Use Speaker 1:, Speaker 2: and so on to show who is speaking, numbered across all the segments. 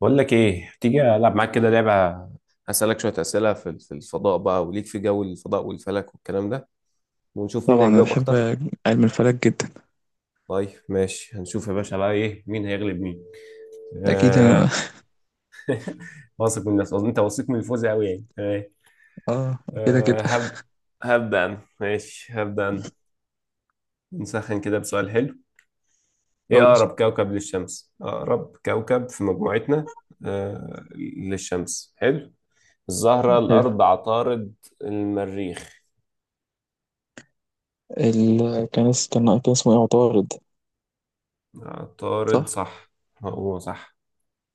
Speaker 1: بقول لك ايه، تيجي العب معاك كده لعبه. هسالك شويه اسئله في الفضاء بقى، وليك في جو الفضاء والفلك والكلام ده. ونشوف مين
Speaker 2: طبعا انا
Speaker 1: هيجاوب
Speaker 2: بحب
Speaker 1: اكتر.
Speaker 2: علم الفلك جدا.
Speaker 1: طيب ماشي، هنشوف يا باشا بقى ايه، مين هيغلب مين.
Speaker 2: اكيد انا.
Speaker 1: آه. واثق من الناس، انت واثق من الفوز قوي يعني.
Speaker 2: اه. كده
Speaker 1: آه،
Speaker 2: كده.
Speaker 1: هب هبدا انا، ماشي هبدا انا. نسخن كده بسؤال حلو. ايه
Speaker 2: قول
Speaker 1: اقرب كوكب للشمس، اقرب كوكب في مجموعتنا؟ آه للشمس، حلو. الزهره،
Speaker 2: حلو.
Speaker 1: الارض، عطارد، المريخ.
Speaker 2: كان اسمه ايه؟ عطارد.
Speaker 1: عطارد
Speaker 2: صح.
Speaker 1: صح. هو صح.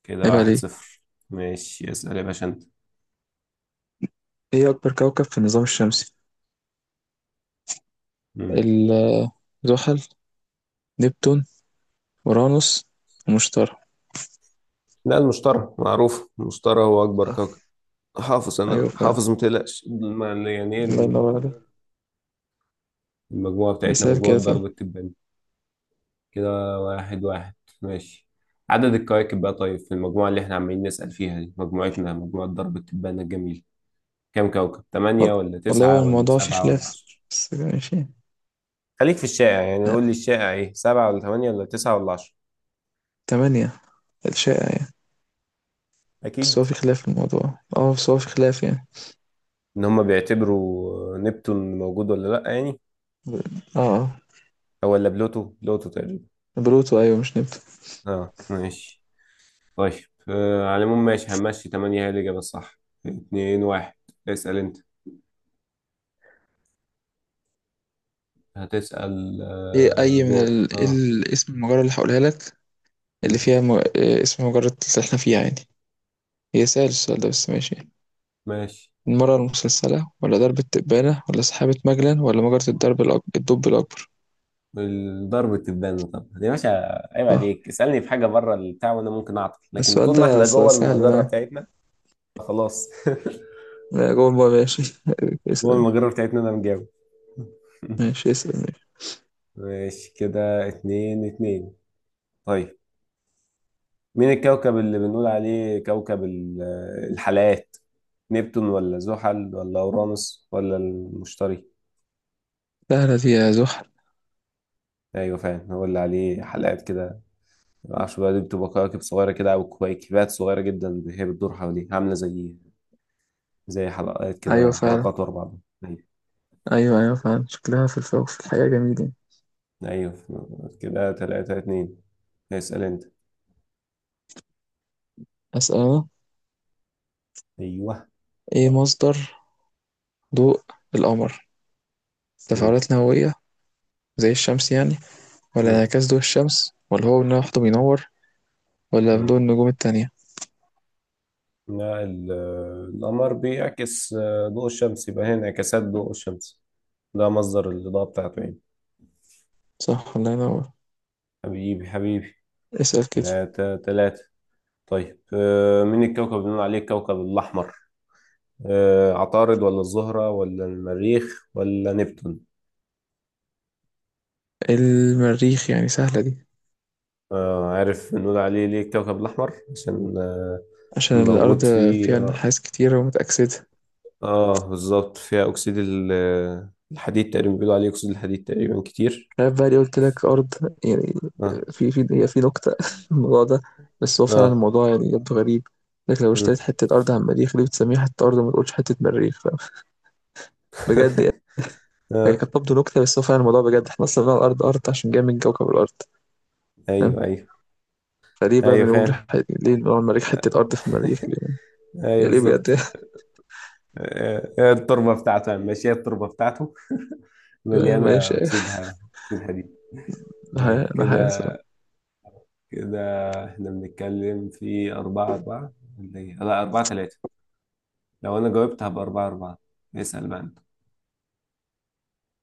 Speaker 1: كده
Speaker 2: عيب
Speaker 1: واحد
Speaker 2: عليك.
Speaker 1: صفر. ماشي اسأل يا باشا انت.
Speaker 2: ايه اكبر كوكب في النظام الشمسي؟
Speaker 1: مم.
Speaker 2: ال- زحل، نبتون، اورانوس، ومشتري.
Speaker 1: لا، المشتري معروف، المشتري هو أكبر
Speaker 2: آه،
Speaker 1: كوكب. حافظ،
Speaker 2: ايوه
Speaker 1: أنا
Speaker 2: فعلا.
Speaker 1: حافظ متقلقش، يعني إيه
Speaker 2: الله
Speaker 1: ال-
Speaker 2: ينور عليك.
Speaker 1: المجموعة بتاعتنا
Speaker 2: مثال
Speaker 1: مجموعة
Speaker 2: كده فعلا.
Speaker 1: ضرب التبان. كده واحد واحد. ماشي. عدد الكواكب بقى، طيب في المجموعة اللي احنا عمالين نسأل فيها دي، مجموعتنا مجموعة ضرب التبان الجميل، كام كوكب؟ تمانية
Speaker 2: وال-
Speaker 1: ولا
Speaker 2: والله هو
Speaker 1: تسعة ولا
Speaker 2: الموضوع فيه
Speaker 1: سبعة ولا
Speaker 2: خلاف،
Speaker 1: عشرة؟
Speaker 2: بس ماشي.
Speaker 1: خليك في الشائع يعني،
Speaker 2: آه،
Speaker 1: قول لي الشائع ايه، سبعة ولا تمانية ولا تسعة ولا عشرة؟
Speaker 2: تمانية الشائع يعني. بس هو
Speaker 1: أكيد.
Speaker 2: في خلاف في الموضوع. اه بس هو في خلاف يعني.
Speaker 1: ان هم بيعتبروا نبتون موجود ولا لا يعني.
Speaker 2: اه اه.
Speaker 1: او ولا بلوتو، بلوتو تقريبا.
Speaker 2: بلوتو ايوه، مش نبتون.
Speaker 1: اه ماشي. طيب، على العموم ماشي، همشي 8 هي الإجابة الصح. 2 1. اسأل انت. هتسأل
Speaker 2: ايه اي من
Speaker 1: دول
Speaker 2: إيه
Speaker 1: اه
Speaker 2: اسم المجرة اللي هقولها لك، اللي
Speaker 1: مم.
Speaker 2: فيها إيه اسم المجرة اللي احنا فيها يعني. هي سهل السؤال ده، بس ماشي.
Speaker 1: ماشي.
Speaker 2: المرة المسلسلة، ولا درب التبانة، ولا سحابة مجلن، ولا مجرة الدب الأكبر؟
Speaker 1: الضرب التبان، طب يا باشا، عيب
Speaker 2: صح.
Speaker 1: عليك. اسألني في حاجة بره البتاع وانا ممكن اعطل، لكن
Speaker 2: السؤال
Speaker 1: طول ما
Speaker 2: ده
Speaker 1: احنا جوه
Speaker 2: سهل
Speaker 1: المجرة
Speaker 2: أنا.
Speaker 1: بتاعتنا. خلاص.
Speaker 2: أنا جوه الماء ماشي.
Speaker 1: جوه
Speaker 2: اسأل
Speaker 1: المجرة بتاعتنا، انا مجاوب.
Speaker 2: ماشي، اسأل ماشي.
Speaker 1: ماشي كده اتنين اتنين. طيب. مين الكوكب اللي بنقول عليه كوكب الحلقات؟ نبتون ولا زحل ولا اورانوس ولا المشتري؟
Speaker 2: سهلة دي، يا زحل.
Speaker 1: ايوه فعلا، هو اللي عليه حلقات كده. معرفش بقى، دي بتبقى كواكب صغيره كده او كويكبات صغيره جدا هي بتدور حواليه، عامله زي زي حلقات
Speaker 2: أيوة
Speaker 1: كده،
Speaker 2: فعلا.
Speaker 1: حلقات ورا بعض. ايوه.
Speaker 2: أيوة أيوة فعلا، شكلها في الفوق في الحقيقة جميل يعني.
Speaker 1: ايوه كده تلاتة اتنين. اسأل انت.
Speaker 2: أسأل أنا.
Speaker 1: ايوه.
Speaker 2: إيه مصدر ضوء القمر؟
Speaker 1: مم.
Speaker 2: تفاعلات نووية زي الشمس يعني، ولا
Speaker 1: مم.
Speaker 2: انعكاس ضوء الشمس، ولا هو ان لوحده بينور، ولا ضوء
Speaker 1: مم.
Speaker 2: النجوم التانية؟
Speaker 1: لا. القمر بيعكس ضوء الشمس، يبقى هنا انعكاسات ضوء الشمس. ده مصدر الإضاءة بتاعته يعني.
Speaker 2: صح، الله ينور.
Speaker 1: حبيبي حبيبي.
Speaker 2: اسأل كده.
Speaker 1: ثلاثة ثلاثة. طيب، مين الكوكب اللي بنقول عليه الكوكب الأحمر؟ عطارد ولا الزهرة ولا المريخ ولا نبتون؟
Speaker 2: إيه، المريخ يعني سهلة دي.
Speaker 1: عارف بنقول عليه ليه الكوكب الأحمر؟ عشان
Speaker 2: عشان
Speaker 1: موجود
Speaker 2: الأرض
Speaker 1: فيه
Speaker 2: فيها
Speaker 1: آه,
Speaker 2: نحاس كتير ومتأكسدة.
Speaker 1: آه بالظبط، فيها أكسيد الحديد تقريبا، بيقولوا عليه أكسيد الحديد تقريبا كتير.
Speaker 2: عارف بقى اللي قلت لك أرض يعني،
Speaker 1: آه.
Speaker 2: في نكتة في الموضوع ده، بس هو فعلا
Speaker 1: آه.
Speaker 2: الموضوع يعني يبدو غريب. لك لو
Speaker 1: مم.
Speaker 2: اشتريت حتة أرض على المريخ، ليه بتسميها حتة أرض وما تقولش حتة مريخ؟ فاهم؟ بجد يعني. هي
Speaker 1: آه.
Speaker 2: كانت تبدو نكتة، بس هو فعلا الموضوع بجد، احنا أصلا بنقول الأرض أرض عشان جاية من كوكب الأرض، فاهم؟
Speaker 1: أيوه أيوه.
Speaker 2: فليه بقى
Speaker 1: أيوه
Speaker 2: بنقول
Speaker 1: فاهم.
Speaker 2: ليه بنقول على المريخ
Speaker 1: آه،
Speaker 2: حتة أرض في المريخ؟
Speaker 1: أيوه
Speaker 2: يا ليه
Speaker 1: بالظبط.
Speaker 2: بجد.
Speaker 1: التربة بتاعته يعني. ماشي، هي التربة بتاعته مليانة
Speaker 2: ماشي.
Speaker 1: أكسيد أكسيد حديد. طيب
Speaker 2: انا عايز.
Speaker 1: كده، كده احنا بنتكلم في أربعة أربعة ولا إيه؟ لا، أربعة تلاتة. لو أنا جاوبت هبقى أربعة أربعة. اسأل بقى أنت.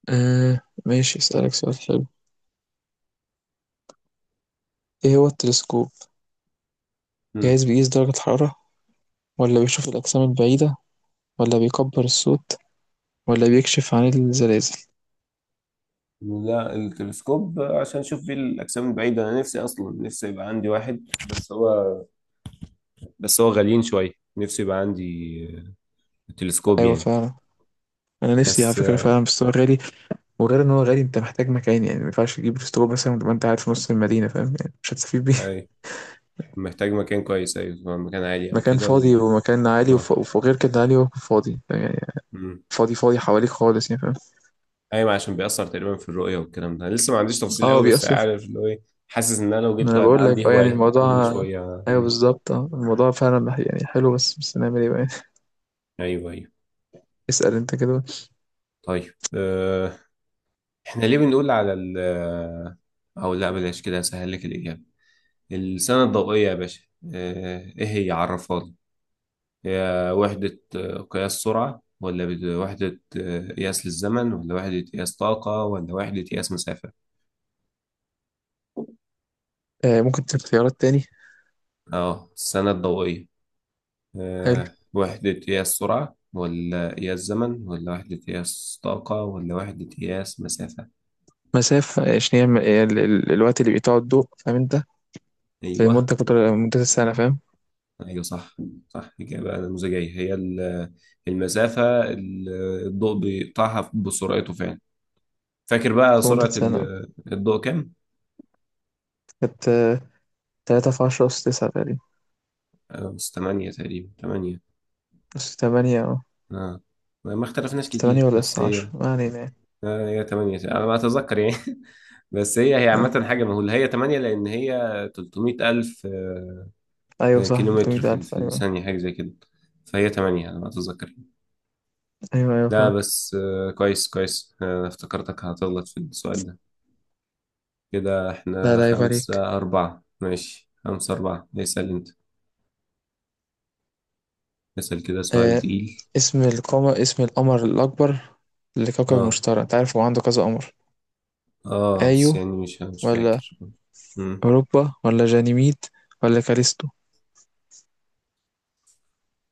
Speaker 2: آه ماشي، اسألك سؤال حلو. ايه هو التلسكوب؟
Speaker 1: مم.
Speaker 2: جهاز بيقيس درجة الحرارة، ولا بيشوف الأجسام البعيدة، ولا بيكبر الصوت، ولا بيكشف عن الزلازل؟
Speaker 1: لا، التلسكوب عشان أشوف بيه الأجسام البعيدة. أنا نفسي أصلا، نفسي يبقى عندي واحد، بس هو بس هو غاليين شوية. نفسي يبقى عندي تلسكوب
Speaker 2: أيوة
Speaker 1: يعني.
Speaker 2: فعلا. أنا نفسي على
Speaker 1: بس
Speaker 2: فكرة فعلا، بس هو غالي. وغير إن هو غالي، أنت محتاج مكان يعني. ما ينفعش تجيب تلسكوب مثلا وتبقى أنت قاعد في نص المدينة، فاهم يعني؟ مش هتستفيد بيه.
Speaker 1: أي، محتاج مكان كويس، أيوة مكان عالي أو
Speaker 2: مكان
Speaker 1: كده، و...
Speaker 2: فاضي ومكان عالي، وغير كده عالي وفاضي يعني.
Speaker 1: آه.
Speaker 2: فاضي فاضي حواليك خالص يعني، فاهم؟
Speaker 1: ايوه عشان بيأثر تقريبا في الرؤية والكلام ده. أنا لسه ما عنديش تفصيل
Speaker 2: اه
Speaker 1: قوي بس
Speaker 2: بيأثر.
Speaker 1: عارف اللي هو ايه. حاسس ان انا لو
Speaker 2: ما انا
Speaker 1: جبته هيبقى
Speaker 2: بقول
Speaker 1: عندي
Speaker 2: لك اه يعني
Speaker 1: هواية كل
Speaker 2: الموضوع.
Speaker 1: شوية
Speaker 2: ايوه
Speaker 1: مم.
Speaker 2: بالظبط، اه الموضوع فعلا يعني حلو، بس نعمل ايه بقى.
Speaker 1: ايوه ايوه.
Speaker 2: اسأل انت كده.
Speaker 1: طيب احنا ليه بنقول على ال آه، او لا، بلاش كده هسهل لك الإجابة. السنة الضوئية يا باشا، ايه هي، عرفها لي. هي وحدة قياس سرعة، ولا وحدة قياس للزمن، ولا وحدة قياس طاقة، ولا وحدة قياس مسافة؟
Speaker 2: آه ممكن تديك خيارات تاني.
Speaker 1: اه السنة الضوئية،
Speaker 2: حلو،
Speaker 1: وحدة قياس سرعة ولا قياس زمن ولا وحدة قياس طاقة ولا وحدة قياس مسافة.
Speaker 2: مسافة، عشان هي هي الوقت اللي بيقطعه الضوء، فاهم انت؟ في
Speaker 1: أيوه.
Speaker 2: مدة قطر مدة السنة، فاهم؟
Speaker 1: أيوه صح. صح، إجابة نموذجية. هي المسافة ال- الضوء بيقطعها بسرعته فعلا. فاكر بقى
Speaker 2: في مدة
Speaker 1: سرعة
Speaker 2: سنة.
Speaker 1: الضوء كام؟
Speaker 2: كانت تلاتة في عشرة أس تسعة تقريبا.
Speaker 1: بس تمانية تقريبا، تمانية.
Speaker 2: أس تمانية اه.
Speaker 1: آه. ما اختلفناش
Speaker 2: أس تمانية
Speaker 1: كتير،
Speaker 2: ولا
Speaker 1: بس
Speaker 2: أس عشرة،
Speaker 1: هي.
Speaker 2: ما علينا يعني.
Speaker 1: آه. هي تمانية، أنا ما أتذكر يعني. بس هي
Speaker 2: آه.
Speaker 1: عامة، حاجة مهولة، هي تمانية، لأن هي 300,000
Speaker 2: أيوة صح،
Speaker 1: كيلومتر
Speaker 2: تلتمية
Speaker 1: في
Speaker 2: ألف،
Speaker 1: في
Speaker 2: أيوة.
Speaker 1: الثانية، حاجة زي كده. فهي تمانية على ما أتذكر.
Speaker 2: أيوة أيوة
Speaker 1: ده
Speaker 2: فاهم.
Speaker 1: بس كويس كويس. افتكرتك هتغلط في السؤال ده. كده
Speaker 2: لا
Speaker 1: احنا
Speaker 2: لا، عيب عليك.
Speaker 1: خمسة أربعة، ماشي خمسة أربعة، اسأل أنت. اسأل كده سؤال
Speaker 2: آه،
Speaker 1: تقيل.
Speaker 2: اسم القمر، اسم القمر الأكبر لكوكب
Speaker 1: اه.
Speaker 2: المشتري. أنت عارف هو عنده كذا قمر.
Speaker 1: اه بس
Speaker 2: ايو
Speaker 1: يعني مش
Speaker 2: ولا
Speaker 1: فاكر. مم.
Speaker 2: اوروبا، ولا جانيميد، ولا كاليستو؟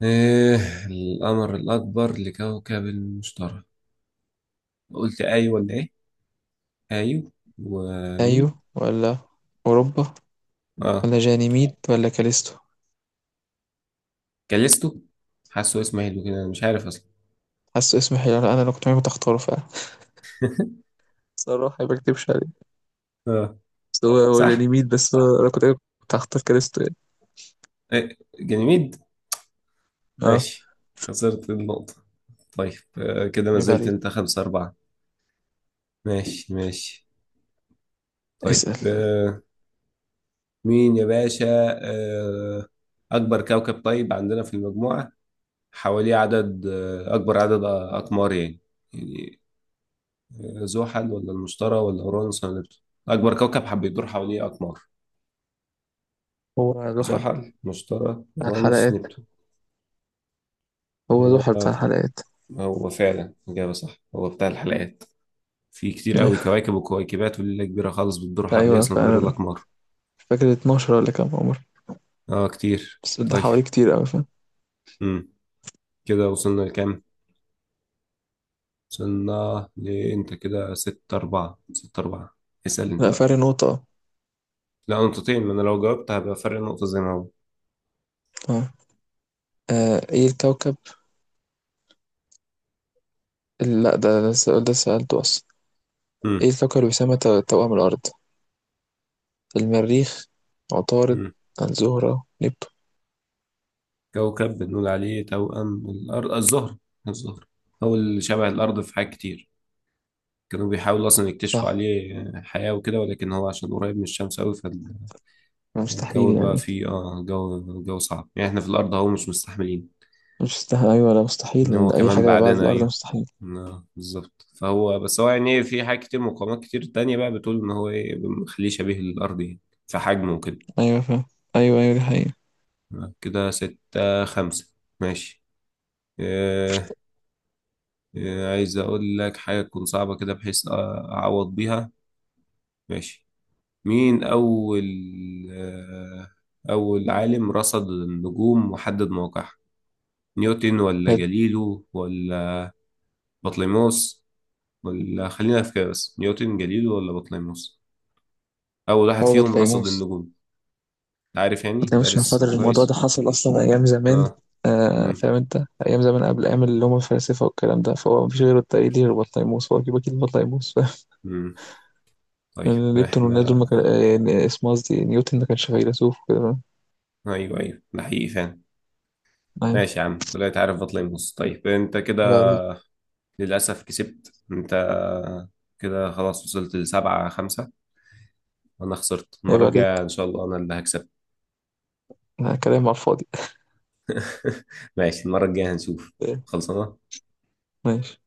Speaker 1: ايه القمر الأكبر لكوكب المشتري؟ قلت أي ولا إيه؟ أيو. ومين؟
Speaker 2: ايو ولا اوروبا،
Speaker 1: اه.
Speaker 2: ولا جانيميد، ولا كاليستو؟
Speaker 1: كاليستو. حاسه اسمه حلو كده، أنا مش عارف أصلا.
Speaker 2: حاسه اسم حلو، انا لو كنت معاك كنت هختاره فعلا. صراحة ما بكتبش عليه،
Speaker 1: اه.
Speaker 2: بس هو
Speaker 1: صح؟
Speaker 2: جانيميد، بس هو انا كنت كنت هختار كاليستو يعني.
Speaker 1: إيه، جميد.
Speaker 2: اه
Speaker 1: ماشي، خسرت النقطة. طيب، كده ما
Speaker 2: يبقى
Speaker 1: زلت
Speaker 2: عليك.
Speaker 1: انت خمسة أربعة. ماشي ماشي. طيب
Speaker 2: اسأل.
Speaker 1: مين يا باشا، آه، أكبر كوكب طيب عندنا في المجموعة حواليه عدد أكبر عدد أقمار يعني، يعني زحل ولا المشتري ولا أورانوس ولا نبتون؟ أكبر كوكب حب يدور حواليه أقمار،
Speaker 2: هو ذو حل
Speaker 1: زحل، مشتري،
Speaker 2: بتاع
Speaker 1: أورانوس،
Speaker 2: الحلقات.
Speaker 1: نبتون.
Speaker 2: هو ذو حل
Speaker 1: هو.
Speaker 2: بتاع الحلقات.
Speaker 1: هو فعلا إجابة صح، هو بتاع الحلقات. في كتير قوي
Speaker 2: ايوه.
Speaker 1: كواكب وكويكبات وليلة كبيرة خالص بتدور حواليها
Speaker 2: أيوة
Speaker 1: أصلا غير
Speaker 2: فعلا.
Speaker 1: الأقمار.
Speaker 2: مش فاكر 12 ولا كام عمر،
Speaker 1: اه كتير
Speaker 2: بس ده
Speaker 1: طيب.
Speaker 2: حوالي كتير اوي، فاهم؟
Speaker 1: امم. كده وصلنا لكام؟ وصلنا لأنت كده ستة أربعة. ستة أربعة، اسأل أنت
Speaker 2: لا
Speaker 1: بقى.
Speaker 2: فرق نقطة.
Speaker 1: لا نقطتين، ما أنا لو جاوبت هبقى فرق نقطة زي ما هو.
Speaker 2: اه آه، ايه الكوكب لا ده ده السؤال ده سألته اصلا.
Speaker 1: امم.
Speaker 2: إيه الكوكب اللي بيسمى توأم الأرض؟ المريخ، عطارد،
Speaker 1: امم.
Speaker 2: الزهرة، نبتون؟
Speaker 1: كوكب بنقول عليه توأم الأرض، الزهر. الزهر هو اللي شبه الأرض في حاجات كتير. كانوا بيحاولوا أصلا يكتشفوا
Speaker 2: صح،
Speaker 1: عليه حياة وكده، ولكن هو عشان قريب من الشمس أوي.
Speaker 2: مستحيل
Speaker 1: فالجو بقى
Speaker 2: يعني.
Speaker 1: فيه اه، جو صعب يعني، احنا في الأرض أهو مش مستحملين.
Speaker 2: مش مستحيل، أيوة، لا مستحيل،
Speaker 1: إن
Speaker 2: لأن
Speaker 1: هو
Speaker 2: أي
Speaker 1: كمان
Speaker 2: حاجة بعد
Speaker 1: بعدنا،
Speaker 2: الأرض
Speaker 1: ايوه.
Speaker 2: مستحيل.
Speaker 1: بالظبط. فهو، بس هو يعني إيه، في حاجات كتير، مقومات كتير تانية بقى بتقول ان هو ايه مخليه شبيه للارض يعني، في حجمه وكده.
Speaker 2: أيوة فاهم. أيوة أيوة دي حقيقة.
Speaker 1: كده ستة خمسة. ماشي. آه. آه، عايز اقول لك حاجة تكون صعبة كده بحيث اعوض بيها. ماشي. مين اول، آه اول عالم رصد النجوم وحدد موقعها؟ نيوتن ولا
Speaker 2: حلو.
Speaker 1: جاليلو ولا بطليموس، ولا خلينا في كده بس، نيوتن جاليلو ولا بطليموس، أول واحد
Speaker 2: هو
Speaker 1: فيهم رصد
Speaker 2: بطليموس.
Speaker 1: النجوم؟ عارف يعني،
Speaker 2: بطليموس عشان
Speaker 1: دارس
Speaker 2: خاطر الموضوع ده
Speaker 1: كويس.
Speaker 2: حصل أصلا أيام
Speaker 1: اه.
Speaker 2: زمان. آه
Speaker 1: امم.
Speaker 2: فاهم أنت، أيام زمان قبل أيام اللي هم الفلاسفة والكلام ده، فهو مفيش غيره الطريق دي غير بطليموس، هو أكيد أكيد بطليموس. فاهم؟
Speaker 1: امم. طيب
Speaker 2: لأن نبتون والناس دول
Speaker 1: احنا.
Speaker 2: ما كان، اسمه قصدي نيوتن، ما كانش فيلسوف وكده، فاهم؟
Speaker 1: ايوه ايوه، ده حقيقي فعلا.
Speaker 2: أيوة.
Speaker 1: ماشي يا عم طلعت، عارف بطل يبص. طيب انت كده
Speaker 2: عيب عليك.
Speaker 1: للأسف كسبت انت. كده خلاص، وصلت لسبعة خمسة. وأنا خسرت،
Speaker 2: عيب
Speaker 1: المرة الجاية
Speaker 2: عليك.
Speaker 1: إن شاء الله أنا اللي هكسب.
Speaker 2: لا، كلام على الفاضي.
Speaker 1: ماشي، المرة الجاية هنشوف.
Speaker 2: إيه،
Speaker 1: خلصنا.
Speaker 2: ماشي.